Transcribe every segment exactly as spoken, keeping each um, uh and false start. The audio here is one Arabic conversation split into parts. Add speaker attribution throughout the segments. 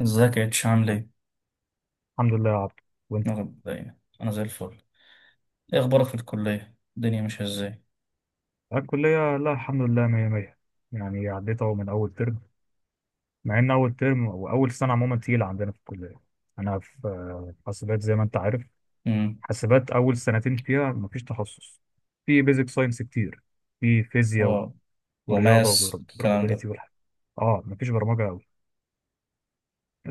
Speaker 1: ازيك يا اتش، عامل ايه؟
Speaker 2: الحمد لله يا عبد. وانت؟
Speaker 1: انا مبدئياً، أنا زي الفل. ايه اخبارك في الكلية؟ الدنيا ماشية ازاي؟
Speaker 2: الكلية، لا الحمد لله مية مية. يعني عديت اهو من أول ترم، مع إن أول ترم وأول سنة عموما تقيلة عندنا في الكلية. أنا في حاسبات زي ما أنت عارف.
Speaker 1: امم.
Speaker 2: حاسبات أول سنتين فيها مفيش تخصص. في بيزك ساينس كتير، في فيزياء
Speaker 1: اه.
Speaker 2: ورياضة
Speaker 1: وماس الكلام
Speaker 2: وبروبابيليتي
Speaker 1: ده.
Speaker 2: والحاجات. اه مفيش برمجة أوي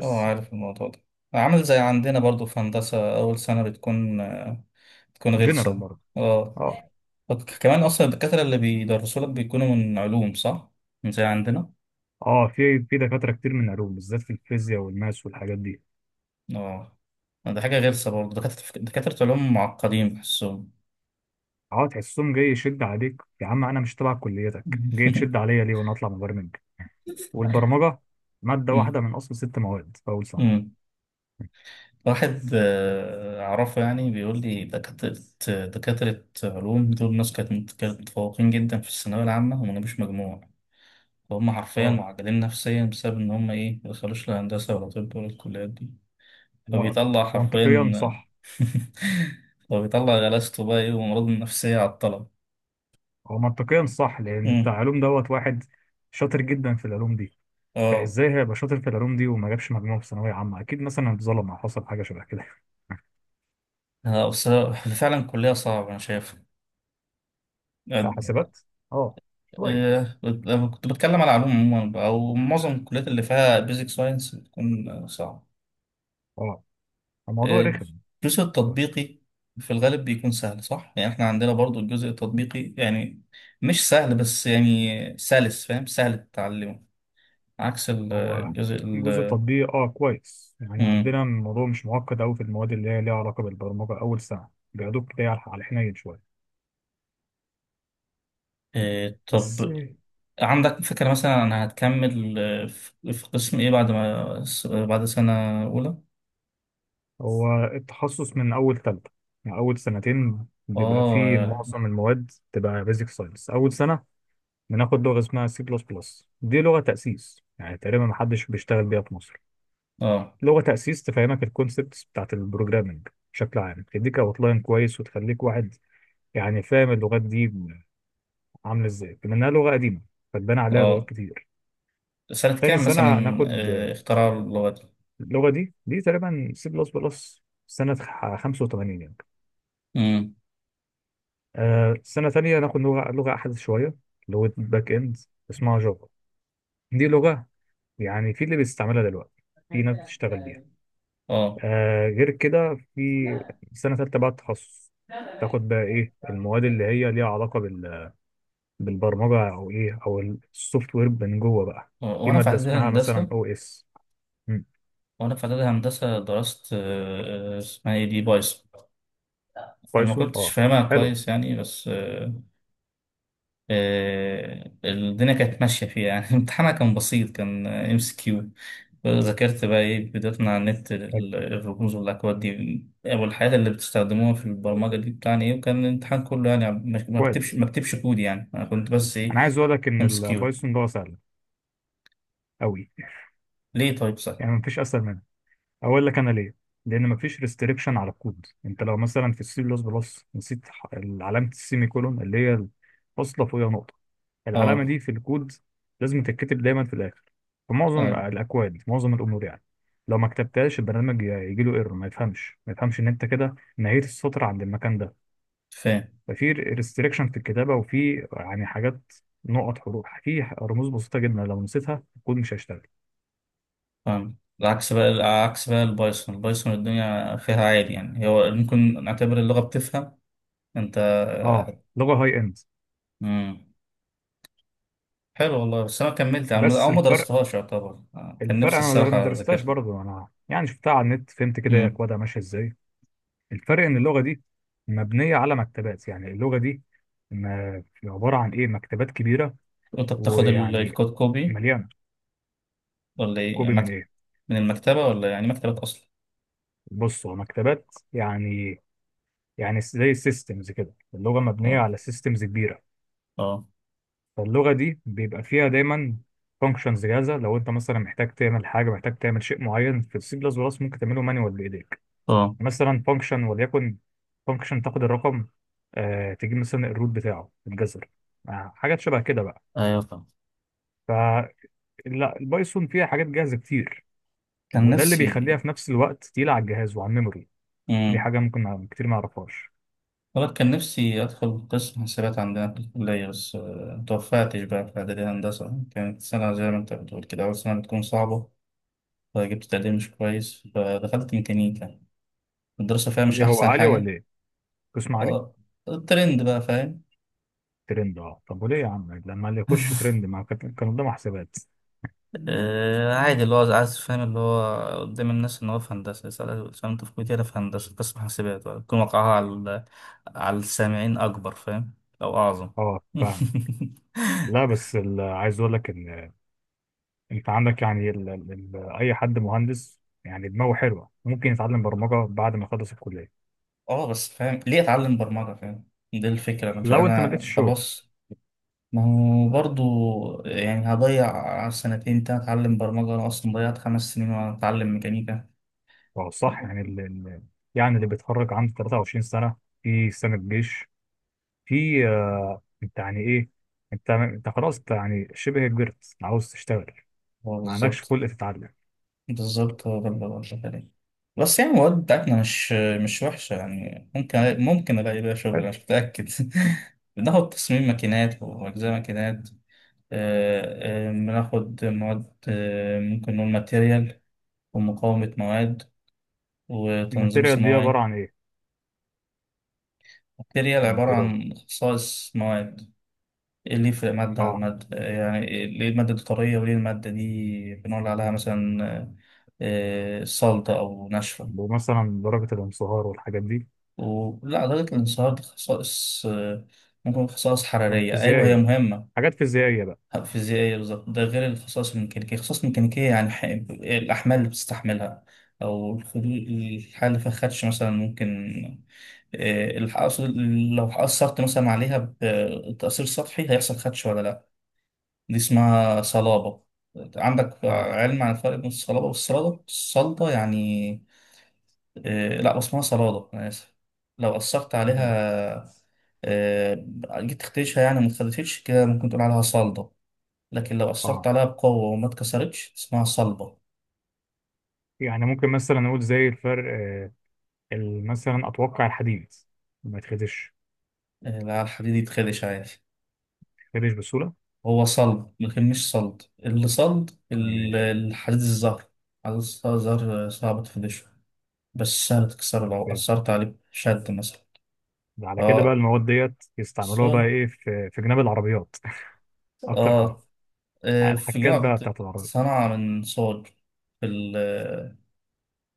Speaker 1: اه، عارف الموضوع ده. عامل زي عندنا برضو في هندسة، أول سنة بتكون آه، بتكون
Speaker 2: جنرال
Speaker 1: غلسة
Speaker 2: برضه.
Speaker 1: اه.
Speaker 2: اه.
Speaker 1: وك- كمان أصلا الدكاترة اللي بيدرسوا لك بيكونوا من علوم، صح؟ من زي عندنا؟
Speaker 2: اه في في دكاترة كتير من علوم، بالذات في الفيزياء والماس والحاجات دي.
Speaker 1: اه، ده حاجة غلسة برضو، دكاترة دكاترة علوم معقدين بحسهم.
Speaker 2: اه تحسهم جاي يشد عليك، يا عم انا مش تبع كليتك، جاي تشد عليا ليه وانا اطلع مبرمج. والبرمجة مادة واحدة من أصل ست مواد في أول سنة.
Speaker 1: امم. واحد آه، أعرفه، يعني بيقول لي دكاترة دكاترة علوم دول ناس كانت مت- كانت متفوقين جدا في الثانوية العامة وما جابوش مجموع، وهم حرفيا
Speaker 2: اه.
Speaker 1: معجلين نفسيا بسبب إن هم إيه ما دخلوش لا هندسة ولا طب ولا الكليات دي.
Speaker 2: لا،
Speaker 1: فبيطلع
Speaker 2: منطقيا
Speaker 1: حرفيا.
Speaker 2: صح.
Speaker 1: فبيطلع غلاسته بقى إيه، وأمراضه النفسية على الطلب.
Speaker 2: هو منطقيا صح لأن بتاع
Speaker 1: مم.
Speaker 2: علوم دوت واحد شاطر جدا في العلوم دي.
Speaker 1: اه.
Speaker 2: فإزاي هيبقى شاطر في العلوم دي وما جابش مجموع في ثانوية عامة؟ أكيد مثلا اتظلم أو حصل حاجة شبه كده.
Speaker 1: آه، بس فعلا الكلية صعبة أنا شايف.
Speaker 2: آه، حاسبات. اه، شوية.
Speaker 1: آه، لما كنت بتكلم على علوم عموما بقى، أو معظم الكليات اللي فيها بيزك ساينس بتكون صعبة.
Speaker 2: اه الموضوع رخم
Speaker 1: الجزء
Speaker 2: شوية.
Speaker 1: التطبيقي في الغالب بيكون سهل، صح؟ يعني احنا عندنا برضو الجزء التطبيقي، يعني مش سهل، بس يعني سلس، فاهم؟ سهل تتعلمه. عكس ال-
Speaker 2: هو
Speaker 1: الجزء
Speaker 2: جزء
Speaker 1: ال
Speaker 2: التطبيق اه كويس، يعني
Speaker 1: مم.
Speaker 2: عندنا الموضوع مش معقد أوي في المواد اللي هي ليها علاقة بالبرمجة أول سنة. بياخدوك كده على على الحنين شوية
Speaker 1: إيه، طب.
Speaker 2: بس.
Speaker 1: عندك فكرة مثلا أنا هتكمل آه، في في قسم إيه بعد ما س- بعد سنة أولى؟
Speaker 2: هو التخصص من أول تالتة، يعني أول سنتين بيبقى فيه
Speaker 1: آه
Speaker 2: معظم المواد تبقى بيزك ساينس. أول سنة بناخد لغة اسمها سي بلس بلس، دي لغة تأسيس يعني تقريبا محدش بيشتغل بيها في مصر.
Speaker 1: آه
Speaker 2: لغة تأسيس تفهمك الكونسبتس بتاعت البروجرامنج بشكل عام، تديك أوتلاين كويس وتخليك واحد يعني فاهم اللغات دي عاملة إزاي، بما إنها لغة قديمة فاتبنى عليها لغات
Speaker 1: آه
Speaker 2: كتير.
Speaker 1: سنة
Speaker 2: تاني
Speaker 1: كام
Speaker 2: سنة
Speaker 1: مثلا؟
Speaker 2: ناخد
Speaker 1: آه، اختراع اللغات؟
Speaker 2: اللغة دي، دي تقريبا سي بلس بلس سنة خمسة وتمانين.
Speaker 1: مم.
Speaker 2: آه، سنة تانية ناخد لغة لغة أحدث شوية، لغة باك إند اسمها جافا. دي لغة يعني في اللي بيستعملها دلوقتي، في ناس بتشتغل بيها.
Speaker 1: آه
Speaker 2: آه، غير كده في سنة تالتة بقى التخصص، تاخد بقى إيه المواد اللي هي ليها علاقة بال... بالبرمجة أو إيه، أو السوفت وير من جوه بقى.
Speaker 1: آه،
Speaker 2: في
Speaker 1: وأنا في
Speaker 2: مادة
Speaker 1: إعدادية
Speaker 2: اسمها مثلا
Speaker 1: هندسة.
Speaker 2: أو إس.
Speaker 1: وأنا في إعدادي هندسة درست آه، آه، اسمها إيه دي، بايثون. أنا ما
Speaker 2: بايثون
Speaker 1: كنتش
Speaker 2: أه.
Speaker 1: فاهمها
Speaker 2: حلو.
Speaker 1: كويس يعني بس آه، آه، الدنيا كانت ماشية فيها يعني. امتحانها كان بسيط، كان ام سي كيو. ذاكرت بقى إيه بدايتنا على النت،
Speaker 2: حلو.
Speaker 1: ال- الرموز والأكواد دي، أو الحاجات اللي بتستخدموها في البرمجة دي، بتاعني إيه. وكان الامتحان كله يعني ما ما بكتبش
Speaker 2: كويس.
Speaker 1: ما بكتبش كود، يعني أنا كنت بس إيه،
Speaker 2: أنا عايز أقول لك إن
Speaker 1: ام سي كيو.
Speaker 2: البايثون ده سهل أوي،
Speaker 1: ليه طيب، صح؟
Speaker 2: يعني مفيش أسهل. اقول لك انا ليه: لان مفيش ريستريكشن على الكود. انت لو مثلا في السي بلس بلس نسيت ح- علامه السيمي كولون، اللي هي فاصله فوقيها نقطه، العلامه
Speaker 1: أه.
Speaker 2: دي في الكود لازم تتكتب دايما في الاخر، في معظم
Speaker 1: أه.
Speaker 2: الاكواد في معظم الامور يعني. لو ما كتبتهاش البرنامج يجي له ايرور، ما يفهمش ما يفهمش ان انت كده نهيت السطر عند المكان ده.
Speaker 1: فاهم
Speaker 2: ففي ريستريكشن في الكتابه، وفي يعني حاجات، نقط حروف، في رموز بسيطه جدا لو نسيتها الكود مش هيشتغل.
Speaker 1: فاهم. العكس بقى العكس بقى، البايثون البايثون، الدنيا فيها عادي، يعني هو ممكن نعتبر اللغة بتفهم انت.
Speaker 2: اه، لغه هاي اند.
Speaker 1: مم. حلو والله، بس انا كملت عم- او
Speaker 2: بس
Speaker 1: ما
Speaker 2: الفرق،
Speaker 1: درستهاش يعتبر آه، كان
Speaker 2: الفرق
Speaker 1: نفسي
Speaker 2: انا ما
Speaker 1: الصراحة
Speaker 2: درستهاش
Speaker 1: اذاكرها.
Speaker 2: برضه، انا يعني شفتها على النت فهمت كده هي
Speaker 1: مم.
Speaker 2: اكوادها ماشيه ازاي. الفرق ان اللغه دي مبنيه على مكتبات. يعني اللغه دي ما عباره عن ايه، مكتبات كبيره
Speaker 1: وانت بتاخد ال-
Speaker 2: ويعني
Speaker 1: الكود كوبي،
Speaker 2: مليانه.
Speaker 1: ولا ايه؟ يعني
Speaker 2: كوبي من
Speaker 1: مكت...
Speaker 2: ايه؟
Speaker 1: من المكتبة، ولا يعني مكتبة اصلا؟
Speaker 2: بص، هو مكتبات يعني، يعني زي سيستمز كده، اللغه مبنيه
Speaker 1: اه.
Speaker 2: على سيستمز كبيره.
Speaker 1: اه.
Speaker 2: فاللغه دي بيبقى فيها دايما فانكشنز جاهزه. لو انت مثلا محتاج تعمل حاجه، محتاج تعمل شيء معين في السي بلس بلس، ممكن تعمله مانوال بايديك.
Speaker 1: اه.
Speaker 2: مثلا فانكشن، وليكن فانكشن تاخد الرقم آه تجيب مثلا الروت بتاعه، تتجذر، آه حاجات شبه كده بقى.
Speaker 1: ايوه فاهم.
Speaker 2: فلا، البايثون فيها حاجات جاهزه كتير،
Speaker 1: كان
Speaker 2: وده اللي
Speaker 1: نفسي.
Speaker 2: بيخليها في نفس الوقت تقيله على الجهاز وعلى الميموري. دي
Speaker 1: مم.
Speaker 2: حاجه ممكن كتير ما يعرفهاش.
Speaker 1: والله كان نفسي أدخل قسم حسابات عندنا في الكلية، بس آه، متوفقتش بقى. في إعدادي هندسة كانت سنة، زي ما أنت بتقول كده، أول سنة بتكون صعبة، فجبت تقدير مش كويس، فدخلت ميكانيكا. الدراسة فيها مش
Speaker 2: ليه، هو
Speaker 1: أحسن
Speaker 2: عالي ولا
Speaker 1: حاجة.
Speaker 2: ايه؟ قسم عالي؟
Speaker 1: آه، الترند بقى، فاهم.
Speaker 2: ترند، اه. طب وليه يا عم لما اللي يخش ترند ما كان كان قدامه حسابات؟
Speaker 1: آه، عادي اللي هو عايز، فاهم؟ اللي هو قدام الناس إن هو في هندسة، يسأل يسأل أنت في كلية إيه؟ أنا في هندسة قسم حسابات، يكون وقعها على على السامعين أكبر، فاهم؟ أو أعظم.
Speaker 2: اه، فاهمه. لا بس ال- عايز اقول لك ان انت عندك يعني ال ال ال اي حد مهندس يعني دماغه حلوه ممكن يتعلم برمجه بعد ما يخلص الكليه،
Speaker 1: اه بس فاهم، ليه اتعلم برمجة؟ فاهم دي الفكرة، مش
Speaker 2: لو انت ما
Speaker 1: انا
Speaker 2: لقيتش شغل.
Speaker 1: خلاص. ما هو برضو يعني هضيع سنتين تاني اتعلم برمجة؟ انا اصلا ضيعت خمس سنين وانا اتعلم ميكانيكا.
Speaker 2: فهو صح يعني ال- ال- يعني اللي بيتخرج عنده تلاته وعشرين سنه، في سنه جيش، في آه انت يعني ايه، انت انت خلاص انت يعني شبه كبرت، عاوز تشتغل،
Speaker 1: هو
Speaker 2: ما عندكش
Speaker 1: بالظبط.
Speaker 2: خلق تتعلم.
Speaker 1: بالظبط هو ده اللي بقول عليه. بس يعني المواد بتاعتنا مش مش وحشة، يعني ممكن ممكن ألاقي بيها شغل، أنا
Speaker 2: حلو.
Speaker 1: مش متأكد. بناخد تصميم ماكينات، وأجزاء ماكينات، آه، آه، بناخد مواد آه، ممكن نقول ماتيريال، ومقاومة مواد، وتنظيم
Speaker 2: الماتيريال دي عباره
Speaker 1: صناعي.
Speaker 2: عن ايه؟
Speaker 1: البكتيريا عبارة
Speaker 2: الماتيريال.
Speaker 1: عن خصائص مواد. إيه اللي يفرق مادة عن
Speaker 2: اه
Speaker 1: مادة، يعني إيه- ليه المادة دي طرية، وليه المادة دي بنقول عليها مثلا آه، آه، صلدة أو ناشفة؟
Speaker 2: مثلا درجه الانصهار والحاجات دي.
Speaker 1: ولا درجة الانصهار دي خصائص آه، ممكن خصائص
Speaker 2: حاجات
Speaker 1: حرارية، أيوة هي
Speaker 2: فيزيائيه،
Speaker 1: مهمة.
Speaker 2: حاجات فيزيائيه بقى.
Speaker 1: فيزيائية بالظبط. ده غير الخصائص الميكانيكية. الخصائص الميكانيكية يعني ح- الأحمال اللي بتستحملها، أو الخلو- الحالة اللي فيها خدش مثلا، ممكن آه، الحقص، لو حقصرت مثلا عليها بتأثير سطحي هيحصل خدش ولا لا. دي اسمها صلابة. عندك
Speaker 2: اه.
Speaker 1: علم عن الفرق بين الصلابة والصلادة؟ الصلدة يعني آه، لا، اسمها صلادة، أنا آسف. لو أثرت
Speaker 2: تمام.
Speaker 1: عليها آه، جيت تخدشها يعني ما اتخدشتش كده، ممكن تقول عليها صلدة. لكن لو أثرت
Speaker 2: اه
Speaker 1: عليها بقوة وما اتكسرتش اسمها صلبة.
Speaker 2: يعني ممكن مثلا نقول زي الفرق آه ال- مثلا اتوقع الحديد ما يتخدش.
Speaker 1: آه، لا، الحديد يتخدش عادي.
Speaker 2: يتخدش بسهوله.
Speaker 1: هو صلب لكن مش صلد. اللي صلد ال-
Speaker 2: ماشي.
Speaker 1: الحديد الزهر. حديد الزهر، زهر صعب تفنشه، بس سهل تكسره لو أثرت عليه بشد مثلا.
Speaker 2: على كده بقى
Speaker 1: اه،
Speaker 2: المواد ديت يستعملوها بقى
Speaker 1: صلد.
Speaker 2: ايه في في جناب العربيات؟ اكتر حاجه
Speaker 1: اه. آه، في
Speaker 2: الحكات
Speaker 1: جامعة
Speaker 2: بقى
Speaker 1: بت-
Speaker 2: بتاعت العربيات.
Speaker 1: صنعة من صلد. في ال-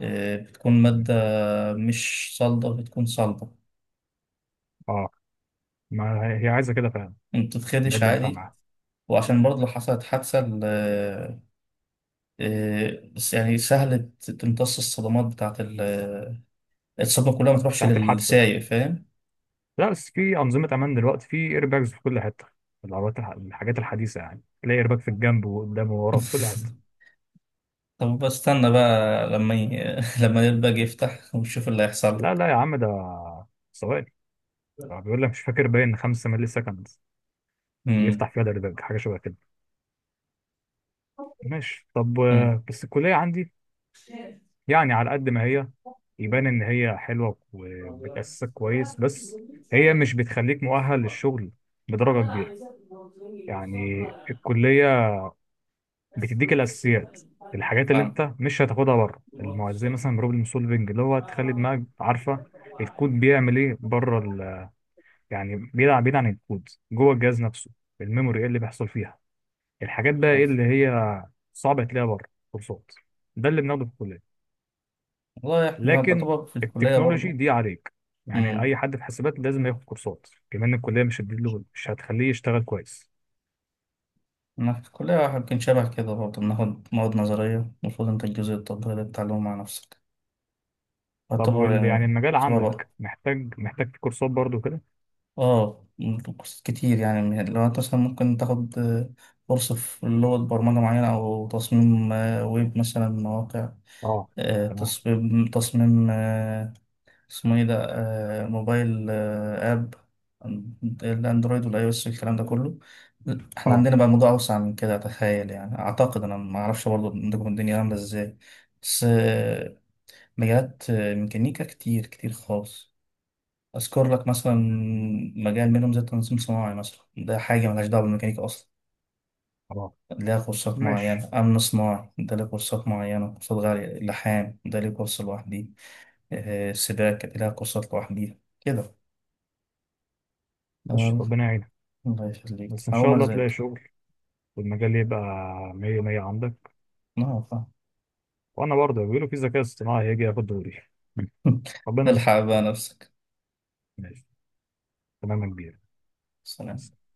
Speaker 1: آه، بتكون مادة مش صلدة، بتكون صلبة.
Speaker 2: اه، ما هي هي عايزه كده فعلا،
Speaker 1: ما
Speaker 2: ده
Speaker 1: بتتخدش
Speaker 2: اللي ينفع
Speaker 1: عادي.
Speaker 2: معاها.
Speaker 1: وعشان برضه لو حصلت حادثة ال- آه، آه، بس يعني سهل ت- تمتص الصدمات، بتاعت ال- آه، الصدمة كلها ما تروحش
Speaker 2: بتاعت الحادثه،
Speaker 1: للسايق، فاهم.
Speaker 2: لا بس في انظمه امان دلوقتي، في ايرباجز في كل حته، في العربيات الح- الحاجات الحديثه، يعني تلاقي ايرباج في الجنب وقدام وورا في كل حته.
Speaker 1: طب بستنى بقى لما ي... لما الباج يفتح ونشوف اللي هيحصل
Speaker 2: لا
Speaker 1: لك.
Speaker 2: لا يا عم، ده ثواني، ده بيقول لك مش فاكر، باين خمسة مللي سكند
Speaker 1: امم.
Speaker 2: بيفتح فيها الإيرباج، حاجه شبه كده. ماشي. طب
Speaker 1: امم.
Speaker 2: آه، بس الكليه عندي يعني على قد ما هي يبان ان هي حلوه وبتاسسك كويس، بس هي مش بتخليك مؤهل للشغل بدرجه كبيره. يعني الكليه بتديك الاساسيات، الحاجات اللي
Speaker 1: فاهم
Speaker 2: انت مش هتاخدها بره المو- زي مثلا بروبلم سولفنج، اللي هو تخلي دماغك عارفه الكود بيعمل ايه بره ال... يعني بيلعب بعيد عن الكود، جوه الجهاز نفسه، الميموري ايه اللي بيحصل فيها، الحاجات بقى
Speaker 1: فاهم.
Speaker 2: ايه اللي هي صعبه تلاقيها بره كورسات. ده اللي بناخده في الكليه.
Speaker 1: والله احنا
Speaker 2: لكن
Speaker 1: بطبق في الكلية
Speaker 2: التكنولوجي
Speaker 1: برضو.
Speaker 2: دي عليك، يعني
Speaker 1: امم.
Speaker 2: اي حد في حسابات لازم ياخد كورسات كمان، الكليه مش هتديله، مش هتخليه يشتغل كويس.
Speaker 1: انا في الكلية يمكن شبه كده برضو، بناخد مواد نظرية. المفروض انت الجزء التطبيقي ده بتتعلمه مع نفسك،
Speaker 2: طب
Speaker 1: يعتبر
Speaker 2: وال يعني
Speaker 1: يعني
Speaker 2: المجال
Speaker 1: شبه
Speaker 2: عندك
Speaker 1: برضو.
Speaker 2: محتاج محتاج في كورسات برضو كده؟
Speaker 1: اه، كورسات كتير، يعني من لو انت مثلا ممكن تاخد آه، كورس في لغة برمجة معينة، أو تصميم آه، ويب مثلا، مواقع،
Speaker 2: اه
Speaker 1: آه،
Speaker 2: تمام.
Speaker 1: تصميم تصميم آه، اسمه ايه ده، آه، موبايل آه، اب، الاندرويد والاي او اس والكلام ده كله. احنا
Speaker 2: اه.
Speaker 1: عندنا بقى موضوع اوسع من كده، اتخيل، يعني اعتقد. انا ما اعرفش برضه عندكم الدنيا عامله ازاي، بس آه، مجالات آه، ميكانيكا كتير كتير خالص. اذكر لك مثلا مجال منهم زي التنظيم صناعي مثلا، ده حاجه ملهاش دعوه بالميكانيكا اصلا،
Speaker 2: اه.
Speaker 1: ليها كورسات
Speaker 2: ماشي.
Speaker 1: معينة. أمن صناعي ده ليه كورسات معينة، كورسات غالية. لحام ده ليه كورس لوحده. آه، السباق كانت لها قصص لوحديها كده.
Speaker 2: ماشي
Speaker 1: يلا،
Speaker 2: ربنا يعينك.
Speaker 1: الله يخليك،
Speaker 2: بس ان شاء
Speaker 1: هقوم
Speaker 2: الله تلاقي
Speaker 1: أذاكر.
Speaker 2: شغل والمجال يبقى مية مية عندك.
Speaker 1: نعم فاهم.
Speaker 2: وانا برضه بيقولوا في ذكاء اصطناعي هيجي ياخد دوري. ربنا يستر.
Speaker 1: الحق بقى نفسك.
Speaker 2: ماشي. تمام يا كبير.
Speaker 1: سلام.
Speaker 2: مع